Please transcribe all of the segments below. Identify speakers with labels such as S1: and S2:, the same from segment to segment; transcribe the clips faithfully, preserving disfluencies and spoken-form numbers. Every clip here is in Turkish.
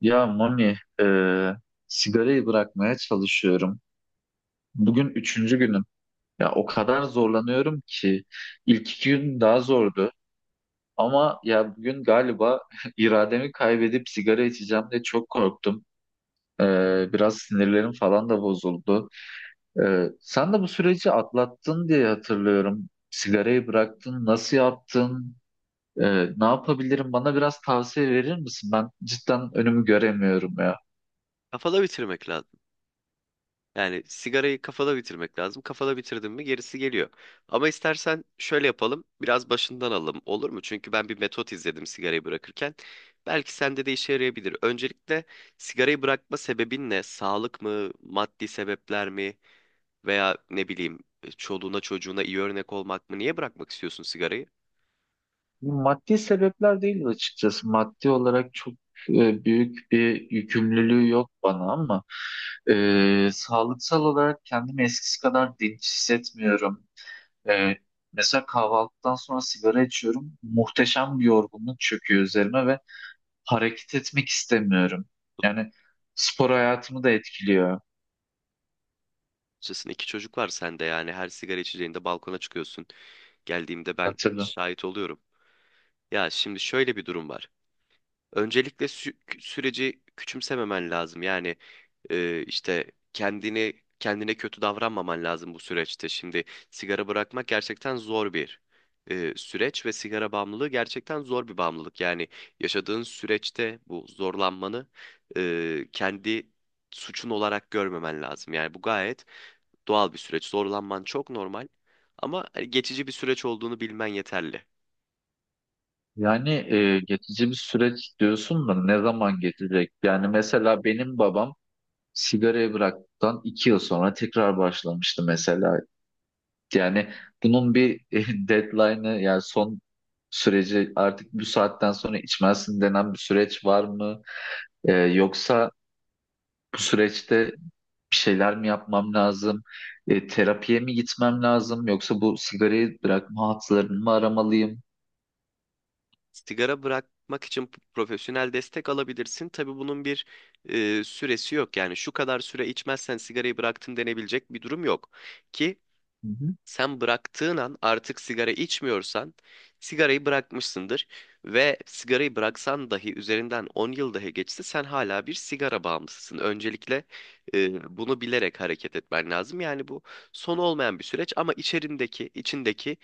S1: Ya Mami, e, sigarayı bırakmaya çalışıyorum. Bugün üçüncü günüm. Ya o kadar zorlanıyorum ki ilk iki gün daha zordu. Ama ya bugün galiba irademi kaybedip sigara içeceğim diye çok korktum. E, Biraz sinirlerim falan da bozuldu. E, sen de bu süreci atlattın diye hatırlıyorum. Sigarayı bıraktın, nasıl yaptın? E, Ne yapabilirim? Bana biraz tavsiye verir misin? Ben cidden önümü göremiyorum ya.
S2: Kafada bitirmek lazım. Yani sigarayı kafada bitirmek lazım. Kafada bitirdin mi gerisi geliyor. Ama istersen şöyle yapalım. Biraz başından alalım. Olur mu? Çünkü ben bir metot izledim sigarayı bırakırken. Belki sende de işe yarayabilir. Öncelikle sigarayı bırakma sebebin ne? Sağlık mı? Maddi sebepler mi? Veya ne bileyim çoluğuna çocuğuna iyi örnek olmak mı? Niye bırakmak istiyorsun sigarayı?
S1: Maddi sebepler değil açıkçası. Maddi olarak çok e, büyük bir yükümlülüğü yok bana ama e, sağlıksal olarak kendimi eskisi kadar dinç hissetmiyorum. E, Mesela kahvaltıdan sonra sigara içiyorum. Muhteşem bir yorgunluk çöküyor üzerime ve hareket etmek istemiyorum. Yani spor hayatımı da etkiliyor.
S2: Açıkçası iki çocuk var sende yani. Her sigara içeceğinde balkona çıkıyorsun. Geldiğimde ben
S1: Ya tabii.
S2: şahit oluyorum. Ya şimdi şöyle bir durum var. Öncelikle sü- süreci küçümsememen lazım. Yani e, işte kendini kendine kötü davranmaman lazım bu süreçte. Şimdi sigara bırakmak gerçekten zor bir e, süreç ve sigara bağımlılığı gerçekten zor bir bağımlılık. Yani yaşadığın süreçte bu zorlanmanı e, kendi suçun olarak görmemen lazım. Yani bu gayet doğal bir süreç. Zorlanman çok normal ama hani geçici bir süreç olduğunu bilmen yeterli.
S1: Yani e, geçici bir süreç diyorsun da ne zaman geçecek? Yani mesela benim babam sigarayı bıraktıktan iki yıl sonra tekrar başlamıştı mesela. Yani bunun bir deadline'ı yani son süreci artık bu saatten sonra içmezsin denen bir süreç var mı? E, yoksa bu süreçte bir şeyler mi yapmam lazım? E, terapiye mi gitmem lazım? Yoksa bu sigarayı bırakma hatlarını mı aramalıyım?
S2: Sigara bırakmak için profesyonel destek alabilirsin. Tabii bunun bir e, süresi yok. Yani şu kadar süre içmezsen sigarayı bıraktım denebilecek bir durum yok. Ki
S1: Hı hı.
S2: sen bıraktığın an artık sigara içmiyorsan sigarayı bırakmışsındır ve sigarayı bıraksan dahi üzerinden on yıl dahi geçse sen hala bir sigara bağımlısısın. Öncelikle e, bunu bilerek hareket etmen lazım. Yani bu son olmayan bir süreç ama içerindeki içindeki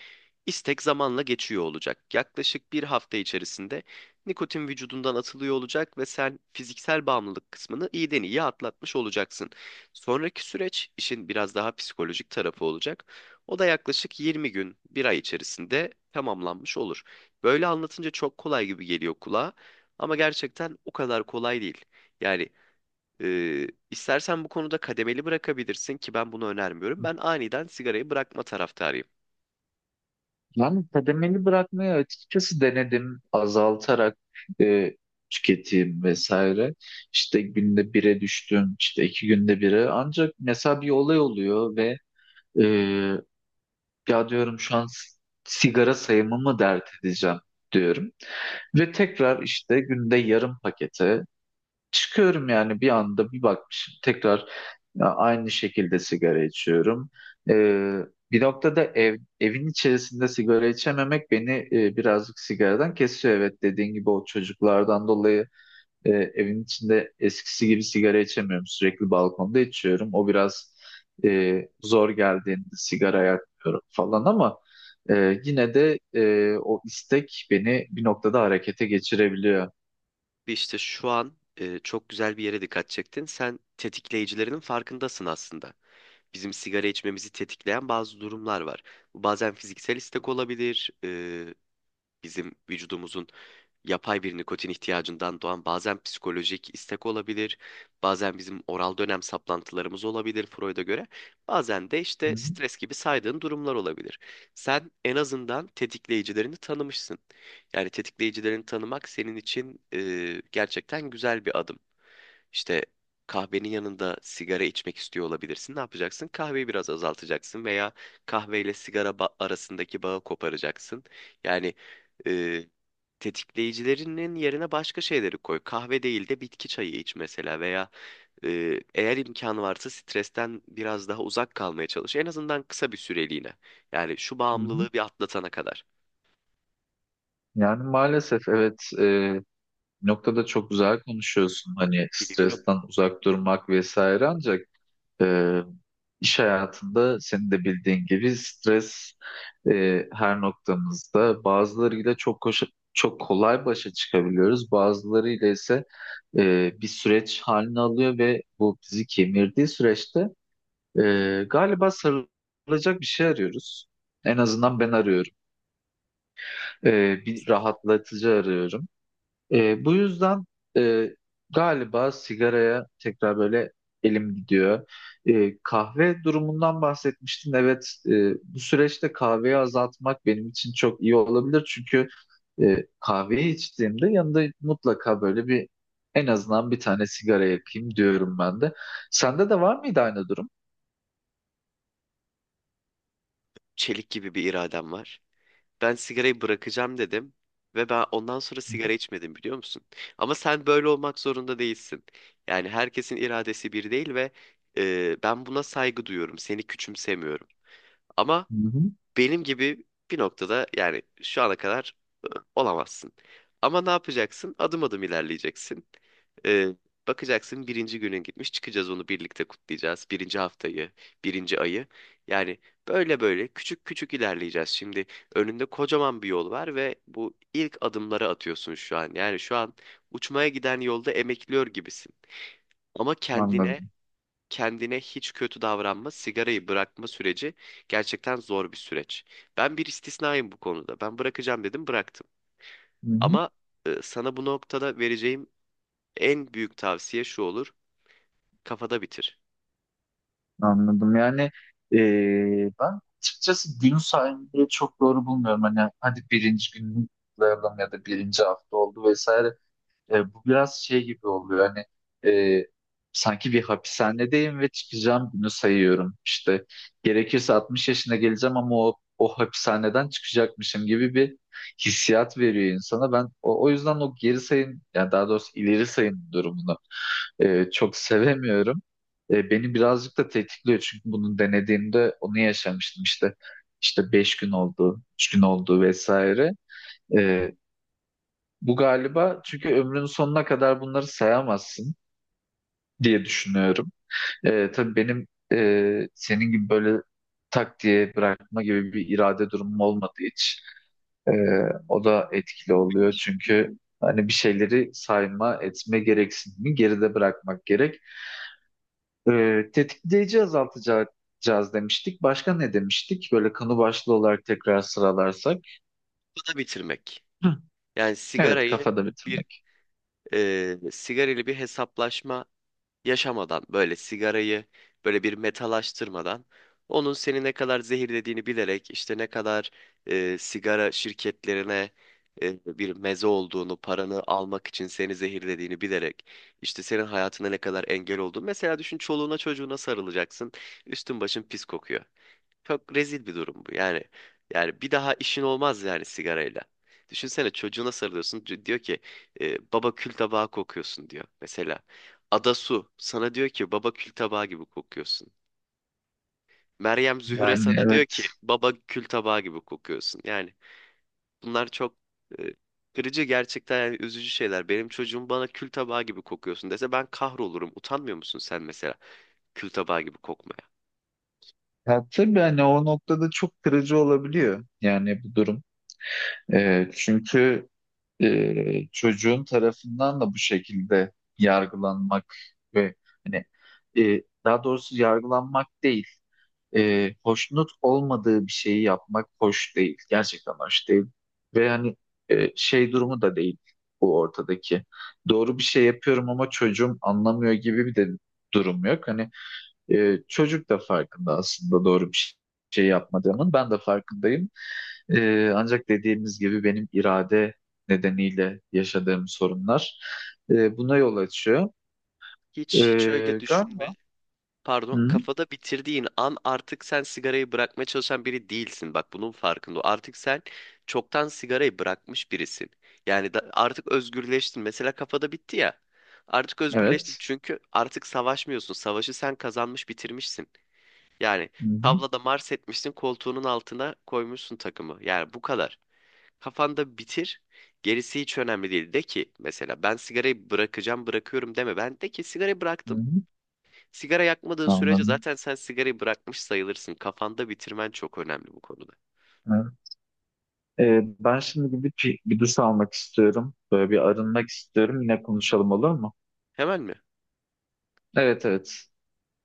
S2: istek zamanla geçiyor olacak. Yaklaşık bir hafta içerisinde nikotin vücudundan atılıyor olacak ve sen fiziksel bağımlılık kısmını iyiden iyiye atlatmış olacaksın. Sonraki süreç işin biraz daha psikolojik tarafı olacak. O da yaklaşık yirmi gün, bir ay içerisinde tamamlanmış olur. Böyle anlatınca çok kolay gibi geliyor kulağa ama gerçekten o kadar kolay değil. Yani e, istersen bu konuda kademeli bırakabilirsin ki ben bunu önermiyorum. Ben aniden sigarayı bırakma taraftarıyım.
S1: Yani kademeli bırakmayı açıkçası denedim azaltarak e, tüketim vesaire. İşte günde bire düştüm, işte iki günde bire. Ancak mesela bir olay oluyor ve e, ya diyorum şu an s- sigara sayımı mı dert edeceğim diyorum. Ve tekrar işte günde yarım pakete çıkıyorum yani bir anda bir bakmışım tekrar ya, aynı şekilde sigara içiyorum. Ee, Bir noktada ev, evin içerisinde sigara içememek beni e, birazcık sigaradan kesiyor. Evet, dediğin gibi o çocuklardan dolayı e, evin içinde eskisi gibi sigara içemiyorum. Sürekli balkonda içiyorum. O biraz e, zor geldiğinde sigara yakmıyorum falan ama e, yine de e, o istek beni bir noktada harekete geçirebiliyor.
S2: İşte şu an e, çok güzel bir yere dikkat çektin. Sen tetikleyicilerinin farkındasın aslında. Bizim sigara içmemizi tetikleyen bazı durumlar var. Bu bazen fiziksel istek olabilir, e, bizim vücudumuzun yapay bir nikotin ihtiyacından doğan bazen psikolojik istek olabilir, bazen bizim oral dönem saplantılarımız olabilir Freud'a göre, bazen de
S1: Hı
S2: işte
S1: hı.
S2: stres gibi saydığın durumlar olabilir. Sen en azından tetikleyicilerini tanımışsın. Yani tetikleyicilerini tanımak senin için e, gerçekten güzel bir adım. İşte kahvenin yanında sigara içmek istiyor olabilirsin. Ne yapacaksın? Kahveyi biraz azaltacaksın veya kahveyle sigara ba- arasındaki bağı koparacaksın. Yani e, tetikleyicilerinin yerine başka şeyleri koy. Kahve değil de bitki çayı iç mesela veya e, eğer imkanı varsa stresten biraz daha uzak kalmaya çalış. En azından kısa bir süreliğine. Yani şu
S1: Hı hı.
S2: bağımlılığı bir atlatana kadar.
S1: Yani maalesef evet, e, noktada çok güzel konuşuyorsun hani
S2: Biliyorum.
S1: stresten uzak durmak vesaire ancak e, iş hayatında senin de bildiğin gibi stres e, her noktamızda bazılarıyla çok koşa- çok kolay başa çıkabiliyoruz, bazılarıyla ise e, bir süreç halini alıyor ve bu bizi kemirdiği süreçte e, galiba sarılacak bir şey arıyoruz. En azından ben arıyorum. E, Bir rahatlatıcı arıyorum. E, bu yüzden e, galiba sigaraya tekrar böyle elim gidiyor. E, kahve durumundan bahsetmiştin. Evet, e, bu süreçte kahveyi azaltmak benim için çok iyi olabilir. Çünkü e, kahveyi içtiğimde yanında mutlaka böyle bir en azından bir tane sigara yakayım diyorum ben de. Sende de var mıydı aynı durum?
S2: Çelik gibi bir iradem var. Ben sigarayı bırakacağım dedim ve ben ondan sonra sigara içmedim biliyor musun? Ama sen böyle olmak zorunda değilsin. Yani herkesin iradesi bir değil ve e, ben buna saygı duyuyorum. Seni küçümsemiyorum. Ama
S1: Hı hı,
S2: benim gibi bir noktada yani şu ana kadar ı, olamazsın. Ama ne yapacaksın? Adım adım ilerleyeceksin. Ee, Bakacaksın birinci günün gitmiş. Çıkacağız onu birlikte kutlayacağız. Birinci haftayı, birinci ayı. Yani böyle böyle küçük küçük ilerleyeceğiz. Şimdi önünde kocaman bir yol var ve bu ilk adımları atıyorsun şu an. Yani şu an uçmaya giden yolda emekliyor gibisin. Ama kendine
S1: anladım.
S2: kendine hiç kötü davranma, sigarayı bırakma süreci gerçekten zor bir süreç. Ben bir istisnayım bu konuda. Ben bırakacağım dedim, bıraktım.
S1: Hı hı.
S2: Ama e, sana bu noktada vereceğim en büyük tavsiye şu olur. Kafada bitir.
S1: Anladım. Yani eee, ben açıkçası gün saymayı çok doğru bulmuyorum. Hani hadi birinci gün kutlayalım ya da birinci hafta oldu vesaire. Eee, bu biraz şey gibi oluyor. Hani eee, sanki bir hapishanedeyim ve çıkacağım günü sayıyorum. İşte gerekirse altmış yaşına geleceğim ama o, o hapishaneden çıkacakmışım gibi bir hissiyat veriyor insana. Ben o, o yüzden o geri sayım, yani daha doğrusu ileri sayım durumunu e, çok sevemiyorum. E, beni birazcık da tetikliyor çünkü bunu denediğimde onu yaşamıştım işte. İşte beş gün oldu, üç gün oldu vesaire. E, Bu galiba çünkü ömrün sonuna kadar bunları sayamazsın diye düşünüyorum. E, tabii benim e, senin gibi böyle tak diye bırakma gibi bir irade durumum olmadı hiç. E, O da etkili oluyor çünkü hani bir şeyleri sayma, etme gereksinimi geride bırakmak gerek. Ee, tetikleyici azaltacağız demiştik. Başka ne demiştik? Böyle konu başlığı olarak tekrar sıralarsak.
S2: Kafada bitirmek.
S1: Hı,
S2: Yani
S1: evet,
S2: sigarayı
S1: kafada
S2: bir
S1: bitirmek.
S2: e, sigarayla bir hesaplaşma yaşamadan böyle sigarayı böyle bir metalaştırmadan onun seni ne kadar zehirlediğini bilerek işte ne kadar e, sigara şirketlerine e, bir meze olduğunu paranı almak için seni zehirlediğini bilerek işte senin hayatına ne kadar engel olduğunu mesela düşün çoluğuna çocuğuna sarılacaksın üstün başın pis kokuyor. Çok rezil bir durum bu. Yani yani bir daha işin olmaz yani sigarayla. Düşünsene çocuğuna sarılıyorsun. c- Diyor ki e, baba kül tabağı kokuyorsun diyor. Mesela Adasu sana diyor ki baba kül tabağı gibi kokuyorsun. Meryem Zühre
S1: Yani
S2: sana diyor
S1: evet.
S2: ki baba kül tabağı gibi kokuyorsun. Yani bunlar çok e, kırıcı gerçekten yani üzücü şeyler. Benim çocuğum bana kül tabağı gibi kokuyorsun dese ben kahrolurum. Utanmıyor musun sen mesela kül tabağı gibi kokmaya?
S1: Ya, tabii hani o noktada çok kırıcı olabiliyor. Yani bu durum. Ee, çünkü e, çocuğun tarafından da bu şekilde yargılanmak ve hani e, daha doğrusu yargılanmak değil. E, hoşnut olmadığı bir şeyi yapmak hoş değil. Gerçekten hoş değil. Ve yani e, şey durumu da değil bu ortadaki. Doğru bir şey yapıyorum ama çocuğum anlamıyor gibi bir de durum yok. Hani e, çocuk da farkında aslında doğru bir şey yapmadığımın. Ben de farkındayım. E, ancak dediğimiz gibi benim irade nedeniyle yaşadığım sorunlar e, buna yol açıyor.
S2: Hiç hiç öyle
S1: E,
S2: düşünme.
S1: galiba.
S2: Pardon,
S1: Hı,
S2: kafada bitirdiğin an artık sen sigarayı bırakmaya çalışan biri değilsin. Bak bunun farkında ol. Artık sen çoktan sigarayı bırakmış birisin. Yani da, artık özgürleştin. Mesela kafada bitti ya. Artık özgürleştin
S1: evet.
S2: çünkü artık savaşmıyorsun. Savaşı sen kazanmış bitirmişsin. Yani
S1: Hı hı,
S2: tavlada mars etmişsin koltuğunun altına koymuşsun takımı. Yani bu kadar. Kafanda bitir. Gerisi hiç önemli değil. De ki mesela ben sigarayı bırakacağım bırakıyorum deme. Ben de ki sigarayı
S1: hı
S2: bıraktım.
S1: hı.
S2: Sigara yakmadığın sürece
S1: Anladım.
S2: zaten sen sigarayı bırakmış sayılırsın. Kafanda bitirmen çok önemli bu konuda.
S1: Evet. Ee, ben şimdi gidip bir, bir duş almak istiyorum. Böyle bir arınmak istiyorum. Yine konuşalım, olur mu?
S2: Hemen mi?
S1: Evet, evet.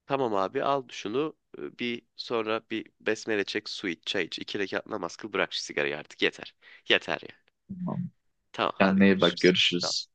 S2: Tamam abi, al şunu, e, bir sonra bir besmele çek, su iç, çay iç. İki rekat namaz kıl, bırak şu sigarayı artık, yeter. Yeter ya.
S1: Tamam.
S2: Tamam, hadi
S1: Kendine iyi bak.
S2: görüşürüz. Tamam.
S1: Görüşürüz.